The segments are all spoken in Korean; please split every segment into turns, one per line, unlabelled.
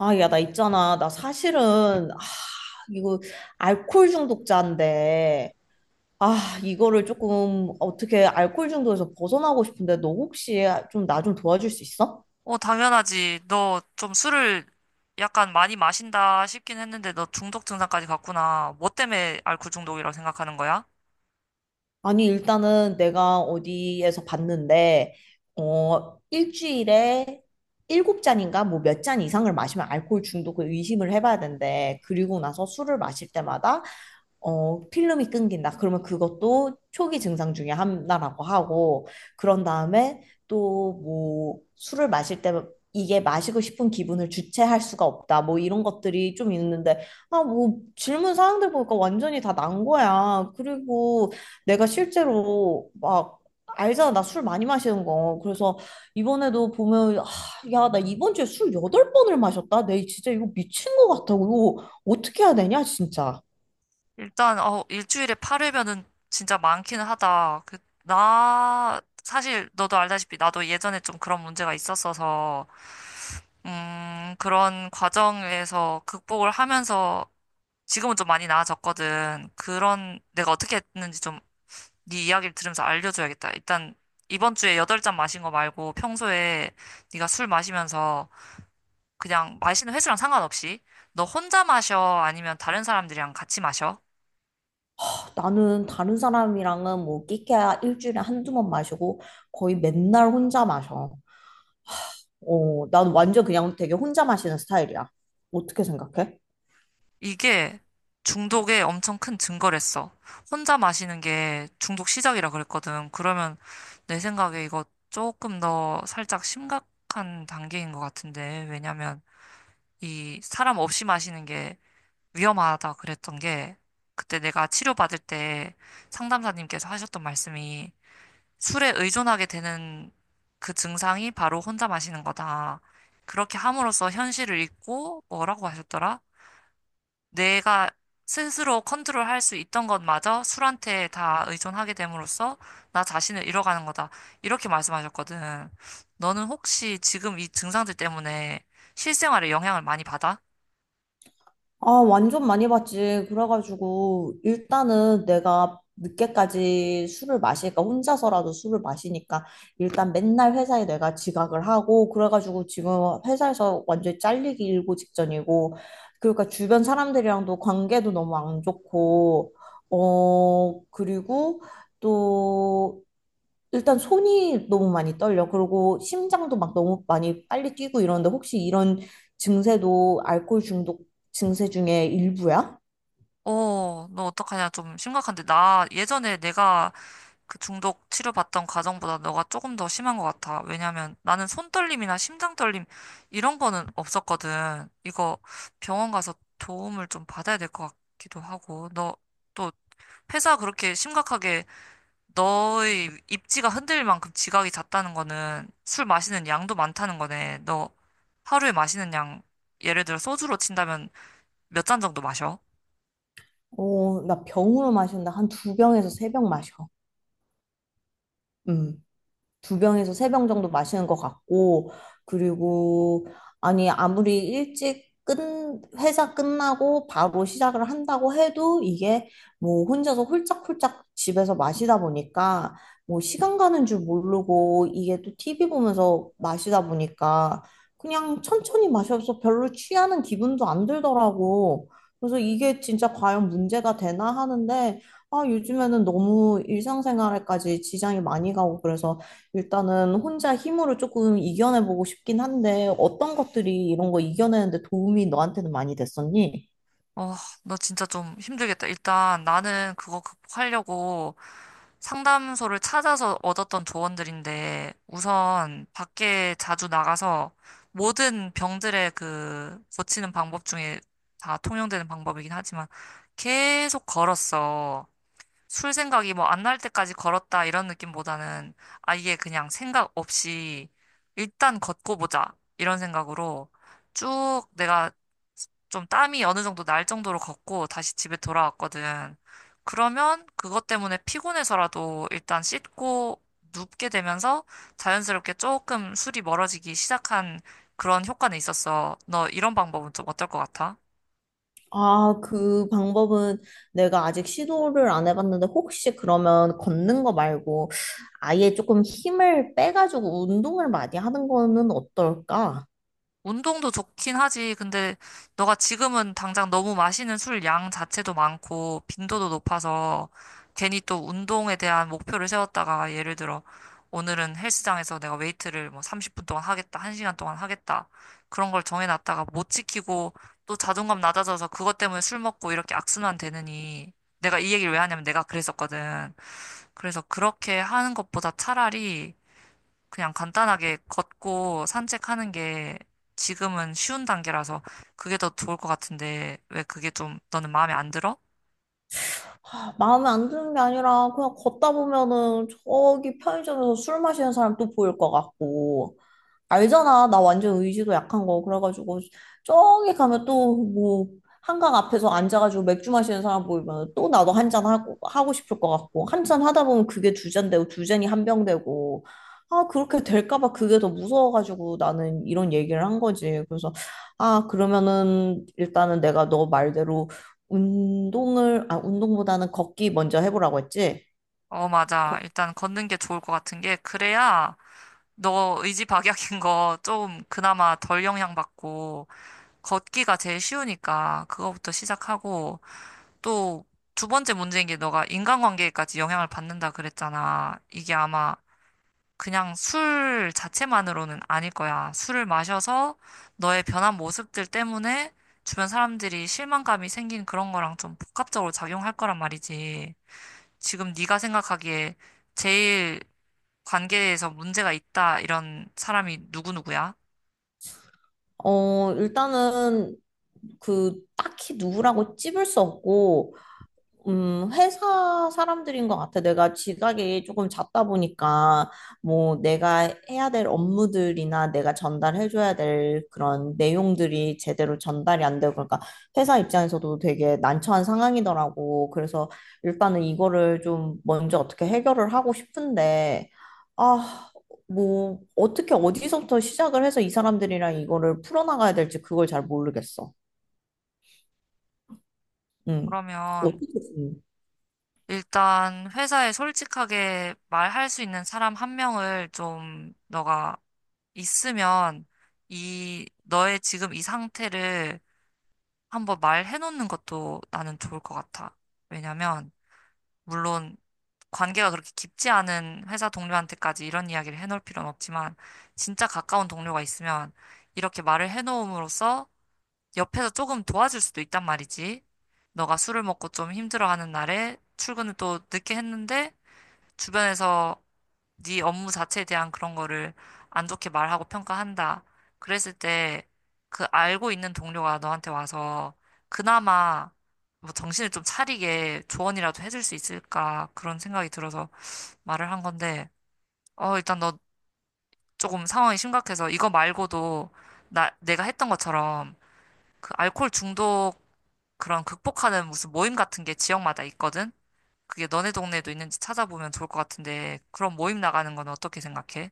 아, 야, 나 있잖아. 나 사실은, 아, 이거, 알코올 중독자인데. 아, 이거를 조금, 어떻게 알코올 중독에서 벗어나고 싶은데, 너 혹시 좀 나 좀 도와줄 수 있어?
어, 당연하지. 너 좀 술을 약간 많이 마신다 싶긴 했는데 너 중독 증상까지 갔구나. 뭐 때문에 알코올 중독이라고 생각하는 거야?
아니, 일단은 내가 어디에서 봤는데, 어, 일주일에 일곱 잔인가, 뭐 몇 잔 이상을 마시면 알코올 중독을 의심을 해봐야 된대. 그리고 나서 술을 마실 때마다 어, 필름이 끊긴다. 그러면 그것도 초기 증상 중에 하나라고 하고, 그런 다음에 또 뭐 술을 마실 때 이게 마시고 싶은 기분을 주체할 수가 없다. 뭐 이런 것들이 좀 있는데, 아, 뭐 질문 사항들 보니까 완전히 다 난 거야. 그리고 내가 실제로 막, 알잖아. 나 술 많이 마시는 거. 그래서 이번에도 보면, 아, 야, 나 이번 주에 술 여덟 번을 마셨다. 내 진짜 이거 미친 거 같아. 이거 어떻게 해야 되냐, 진짜.
일단, 일주일에 8회면은 진짜 많기는 하다. 그, 나, 사실 너도 알다시피 나도 예전에 좀 그런 문제가 있었어서, 그런 과정에서 극복을 하면서 지금은 좀 많이 나아졌거든. 그런, 내가 어떻게 했는지 좀 네 이야기를 들으면서 알려줘야겠다. 일단 이번 주에 8잔 마신 거 말고 평소에 네가 술 마시면서 그냥 마시는 횟수랑 상관없이 너 혼자 마셔 아니면 다른 사람들이랑 같이 마셔?
나는 다른 사람이랑은 뭐 끼케야 일주일에 한두 번 마시고 거의 맨날 혼자 마셔. 어, 난 완전 그냥 되게 혼자 마시는 스타일이야. 어떻게 생각해?
이게 중독의 엄청 큰 증거랬어. 혼자 마시는 게 중독 시작이라 그랬거든. 그러면 내 생각에 이거 조금 더 살짝 심각한 단계인 것 같은데. 왜냐면 이 사람 없이 마시는 게 위험하다 그랬던 게 그때 내가 치료받을 때 상담사님께서 하셨던 말씀이 술에 의존하게 되는 그 증상이 바로 혼자 마시는 거다. 그렇게 함으로써 현실을 잊고 뭐라고 하셨더라? 내가 스스로 컨트롤할 수 있던 것마저 술한테 다 의존하게 됨으로써 나 자신을 잃어가는 거다. 이렇게 말씀하셨거든. 너는 혹시 지금 이 증상들 때문에 실생활에 영향을 많이 받아?
아, 완전 많이 봤지. 그래가지고, 일단은 내가 늦게까지 술을 마시니까, 혼자서라도 술을 마시니까, 일단 맨날 회사에 내가 지각을 하고, 그래가지고 지금 회사에서 완전히 잘리기 일고 직전이고, 그러니까 주변 사람들이랑도 관계도 너무 안 좋고, 어, 그리고 또, 일단 손이 너무 많이 떨려. 그리고 심장도 막 너무 많이 빨리 뛰고 이러는데 혹시 이런 증세도 알코올 중독 증세 중에 일부야?
어, 너 어떡하냐. 좀 심각한데. 나 예전에 내가 그 중독 치료받던 과정보다 너가 조금 더 심한 것 같아. 왜냐면 나는 손떨림이나 심장떨림 이런 거는 없었거든. 이거 병원 가서 도움을 좀 받아야 될 것 같기도 하고. 너 또 회사 그렇게 심각하게 너의 입지가 흔들릴 만큼 지각이 잦다는 거는 술 마시는 양도 많다는 거네. 너 하루에 마시는 양 예를 들어 소주로 친다면 몇 잔 정도 마셔?
어, 나 병으로 마신다. 한 두 병에서 3병 마셔. 음. 두 병에서 세 병 정도 마시는 것 같고, 그리고, 아니, 회사 끝나고 바로 시작을 한다고 해도 이게 뭐 혼자서 홀짝홀짝 집에서 마시다 보니까 뭐 시간 가는 줄 모르고 이게 또 TV 보면서 마시다 보니까 그냥 천천히 마셔서 별로 취하는 기분도 안 들더라고. 그래서 이게 진짜 과연 문제가 되나 하는데, 아, 요즘에는 너무 일상생활에까지 지장이 많이 가고 그래서 일단은 혼자 힘으로 조금 이겨내보고 싶긴 한데 어떤 것들이 이런 거 이겨내는데 도움이 너한테는 많이 됐었니?
어, 너 진짜 좀 힘들겠다. 일단 나는 그거 극복하려고 상담소를 찾아서 얻었던 조언들인데 우선 밖에 자주 나가서 모든 병들의 그 고치는 방법 중에 다 통용되는 방법이긴 하지만 계속 걸었어. 술 생각이 뭐 안 날 때까지 걸었다 이런 느낌보다는 아예 그냥 생각 없이 일단 걷고 보자 이런 생각으로 쭉 내가 좀 땀이 어느 정도 날 정도로 걷고 다시 집에 돌아왔거든. 그러면 그것 때문에 피곤해서라도 일단 씻고 눕게 되면서 자연스럽게 조금 술이 멀어지기 시작한 그런 효과는 있었어. 너 이런 방법은 좀 어떨 것 같아?
아, 그 방법은 내가 아직 시도를 안 해봤는데 혹시 그러면 걷는 거 말고 아예 조금 힘을 빼가지고 운동을 많이 하는 거는 어떨까?
운동도 좋긴 하지. 근데 너가 지금은 당장 너무 마시는 술 양 자체도 많고 빈도도 높아서 괜히 또 운동에 대한 목표를 세웠다가 예를 들어 오늘은 헬스장에서 내가 웨이트를 뭐 30분 동안 하겠다, 1시간 동안 하겠다. 그런 걸 정해놨다가 못 지키고 또 자존감 낮아져서 그것 때문에 술 먹고 이렇게 악순환 되느니 내가 이 얘기를 왜 하냐면 내가 그랬었거든. 그래서 그렇게 하는 것보다 차라리 그냥 간단하게 걷고 산책하는 게 지금은 쉬운 단계라서 그게 더 좋을 것 같은데 왜 그게 좀 너는 마음에 안 들어?
아, 마음에 안 드는 게 아니라 그냥 걷다 보면은 저기 편의점에서 술 마시는 사람 또 보일 것 같고, 알잖아. 나 완전 의지도 약한 거. 그래가지고, 저기 가면 또, 뭐, 한강 앞에서 앉아가지고 맥주 마시는 사람 보이면 또 나도 1잔 하고, 하고 싶을 것 같고, 1잔 하다 보면 그게 2잔 되고, 두 잔이 1병 되고, 아, 그렇게 될까 봐 그게 더 무서워가지고 나는 이런 얘기를 한 거지. 그래서, 아, 그러면은, 일단은 내가 너 말대로 운동을, 아, 운동보다는 걷기 먼저 해보라고 했지?
어, 맞아.
걷-
일단 걷는 게 좋을 것 같은 게 그래야 너 의지박약인 거 좀 그나마 덜 영향받고 걷기가 제일 쉬우니까 그거부터 시작하고 또 두 번째 문제인 게 너가 인간관계까지 영향을 받는다 그랬잖아. 이게 아마 그냥 술 자체만으로는 아닐 거야. 술을 마셔서 너의 변한 모습들 때문에 주변 사람들이 실망감이 생긴 그런 거랑 좀 복합적으로 작용할 거란 말이지. 지금 네가 생각하기에 제일 관계에서 문제가 있다 이런 사람이 누구누구야?
어, 일단은 그 딱히 누구라고 찝을 수 없고 회사 사람들인 것 같아. 내가 지각이 조금 잦다 보니까, 뭐, 내가 해야 될 업무들이나 내가 전달해줘야 될 그런 내용들이 제대로 전달이 안 되고, 그러니까 회사 입장에서도 되게 난처한 상황이더라고. 그래서 일단은 이거를 좀 먼저 어떻게 해결을 하고 싶은데, 아, 뭐, 어떻게 어디서부터 시작을 해서 이 사람들이랑 이거를 풀어나가야 될지 그걸 잘 모르겠어. 음.
그러면
어떻게.
일단 회사에 솔직하게 말할 수 있는 사람 한 명을 좀 너가 있으면 이 너의 지금 이 상태를 한번 말해놓는 것도 나는 좋을 것 같아. 왜냐면, 물론 관계가 그렇게 깊지 않은 회사 동료한테까지 이런 이야기를 해놓을 필요는 없지만, 진짜 가까운 동료가 있으면 이렇게 말을 해놓음으로써 옆에서 조금 도와줄 수도 있단 말이지. 너가 술을 먹고 좀 힘들어하는 날에 출근을 또 늦게 했는데, 주변에서 네 업무 자체에 대한 그런 거를 안 좋게 말하고 평가한다. 그랬을 때 그 알고 있는 동료가 너한테 와서 그나마 뭐 정신을 좀 차리게 조언이라도 해줄 수 있을까 그런 생각이 들어서 말을 한 건데 일단 너 조금 상황이 심각해서 이거 말고도 나 내가 했던 것처럼 그 알코올 중독 그런 극복하는 무슨 모임 같은 게 지역마다 있거든. 그게 너네 동네에도 있는지 찾아보면 좋을 것 같은데 그런 모임 나가는 건 어떻게 생각해?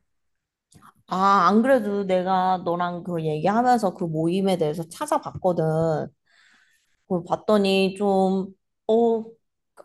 아, 안 그래도 내가 너랑 그 얘기하면서 그 모임에 대해서 찾아봤거든. 그걸 봤더니 좀, 어,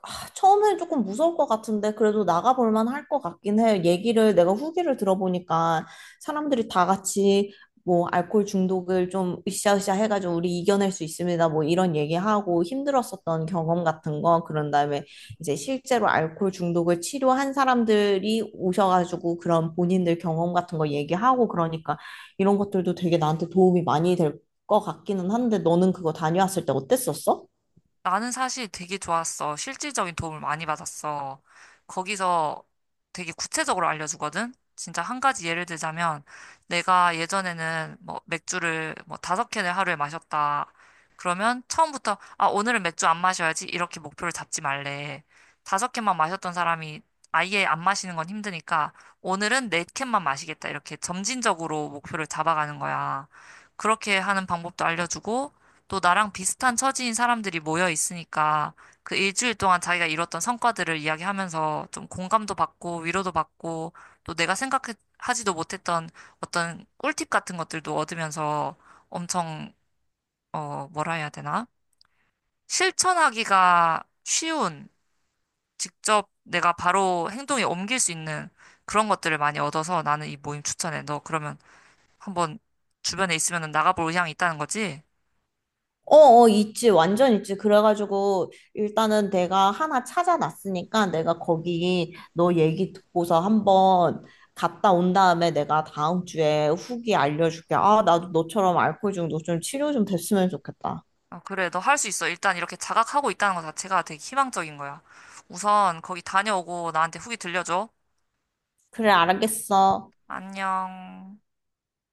아, 처음엔 조금 무서울 것 같은데 그래도 나가볼 만할 것 같긴 해. 얘기를, 내가 후기를 들어보니까 사람들이 다 같이 뭐 알코올 중독을 좀 으쌰으쌰 해가지고 우리 이겨낼 수 있습니다. 뭐 이런 얘기하고 힘들었었던 경험 같은 거, 그런 다음에 이제 실제로 알코올 중독을 치료한 사람들이 오셔가지고 그런 본인들 경험 같은 거 얘기하고 그러니까 이런 것들도 되게 나한테 도움이 많이 될 것 같기는 한데 너는 그거 다녀왔을 때 어땠었어?
나는 사실 되게 좋았어. 실질적인 도움을 많이 받았어. 거기서 되게 구체적으로 알려주거든? 진짜 한 가지 예를 들자면, 내가 예전에는 뭐 맥주를 뭐 다섯 캔을 하루에 마셨다. 그러면 처음부터, 아, 오늘은 맥주 안 마셔야지. 이렇게 목표를 잡지 말래. 다섯 캔만 마셨던 사람이 아예 안 마시는 건 힘드니까, 오늘은 네 캔만 마시겠다. 이렇게 점진적으로 목표를 잡아가는 거야. 그렇게 하는 방법도 알려주고, 또 나랑 비슷한 처지인 사람들이 모여 있으니까 그 일주일 동안 자기가 이뤘던 성과들을 이야기하면서 좀 공감도 받고 위로도 받고 또 내가 생각하지도 못했던 어떤 꿀팁 같은 것들도 얻으면서 엄청, 뭐라 해야 되나? 실천하기가 쉬운, 직접 내가 바로 행동에 옮길 수 있는 그런 것들을 많이 얻어서 나는 이 모임 추천해. 너 그러면 한번 주변에 있으면 나가볼 의향이 있다는 거지?
어, 어, 있지. 완전 있지. 그래가지고 일단은 내가 하나 찾아놨으니까 내가 거기 너 얘기 듣고서 한번 갔다 온 다음에 내가 다음 주에 후기 알려줄게. 아, 나도 너처럼 알코올 중독 좀 치료 좀 됐으면 좋겠다.
어, 그래, 너 할 수 있어. 일단 이렇게 자각하고 있다는 것 자체가 되게 희망적인 거야. 우선 거기 다녀오고 나한테 후기 들려줘.
그래, 알겠어.
안녕.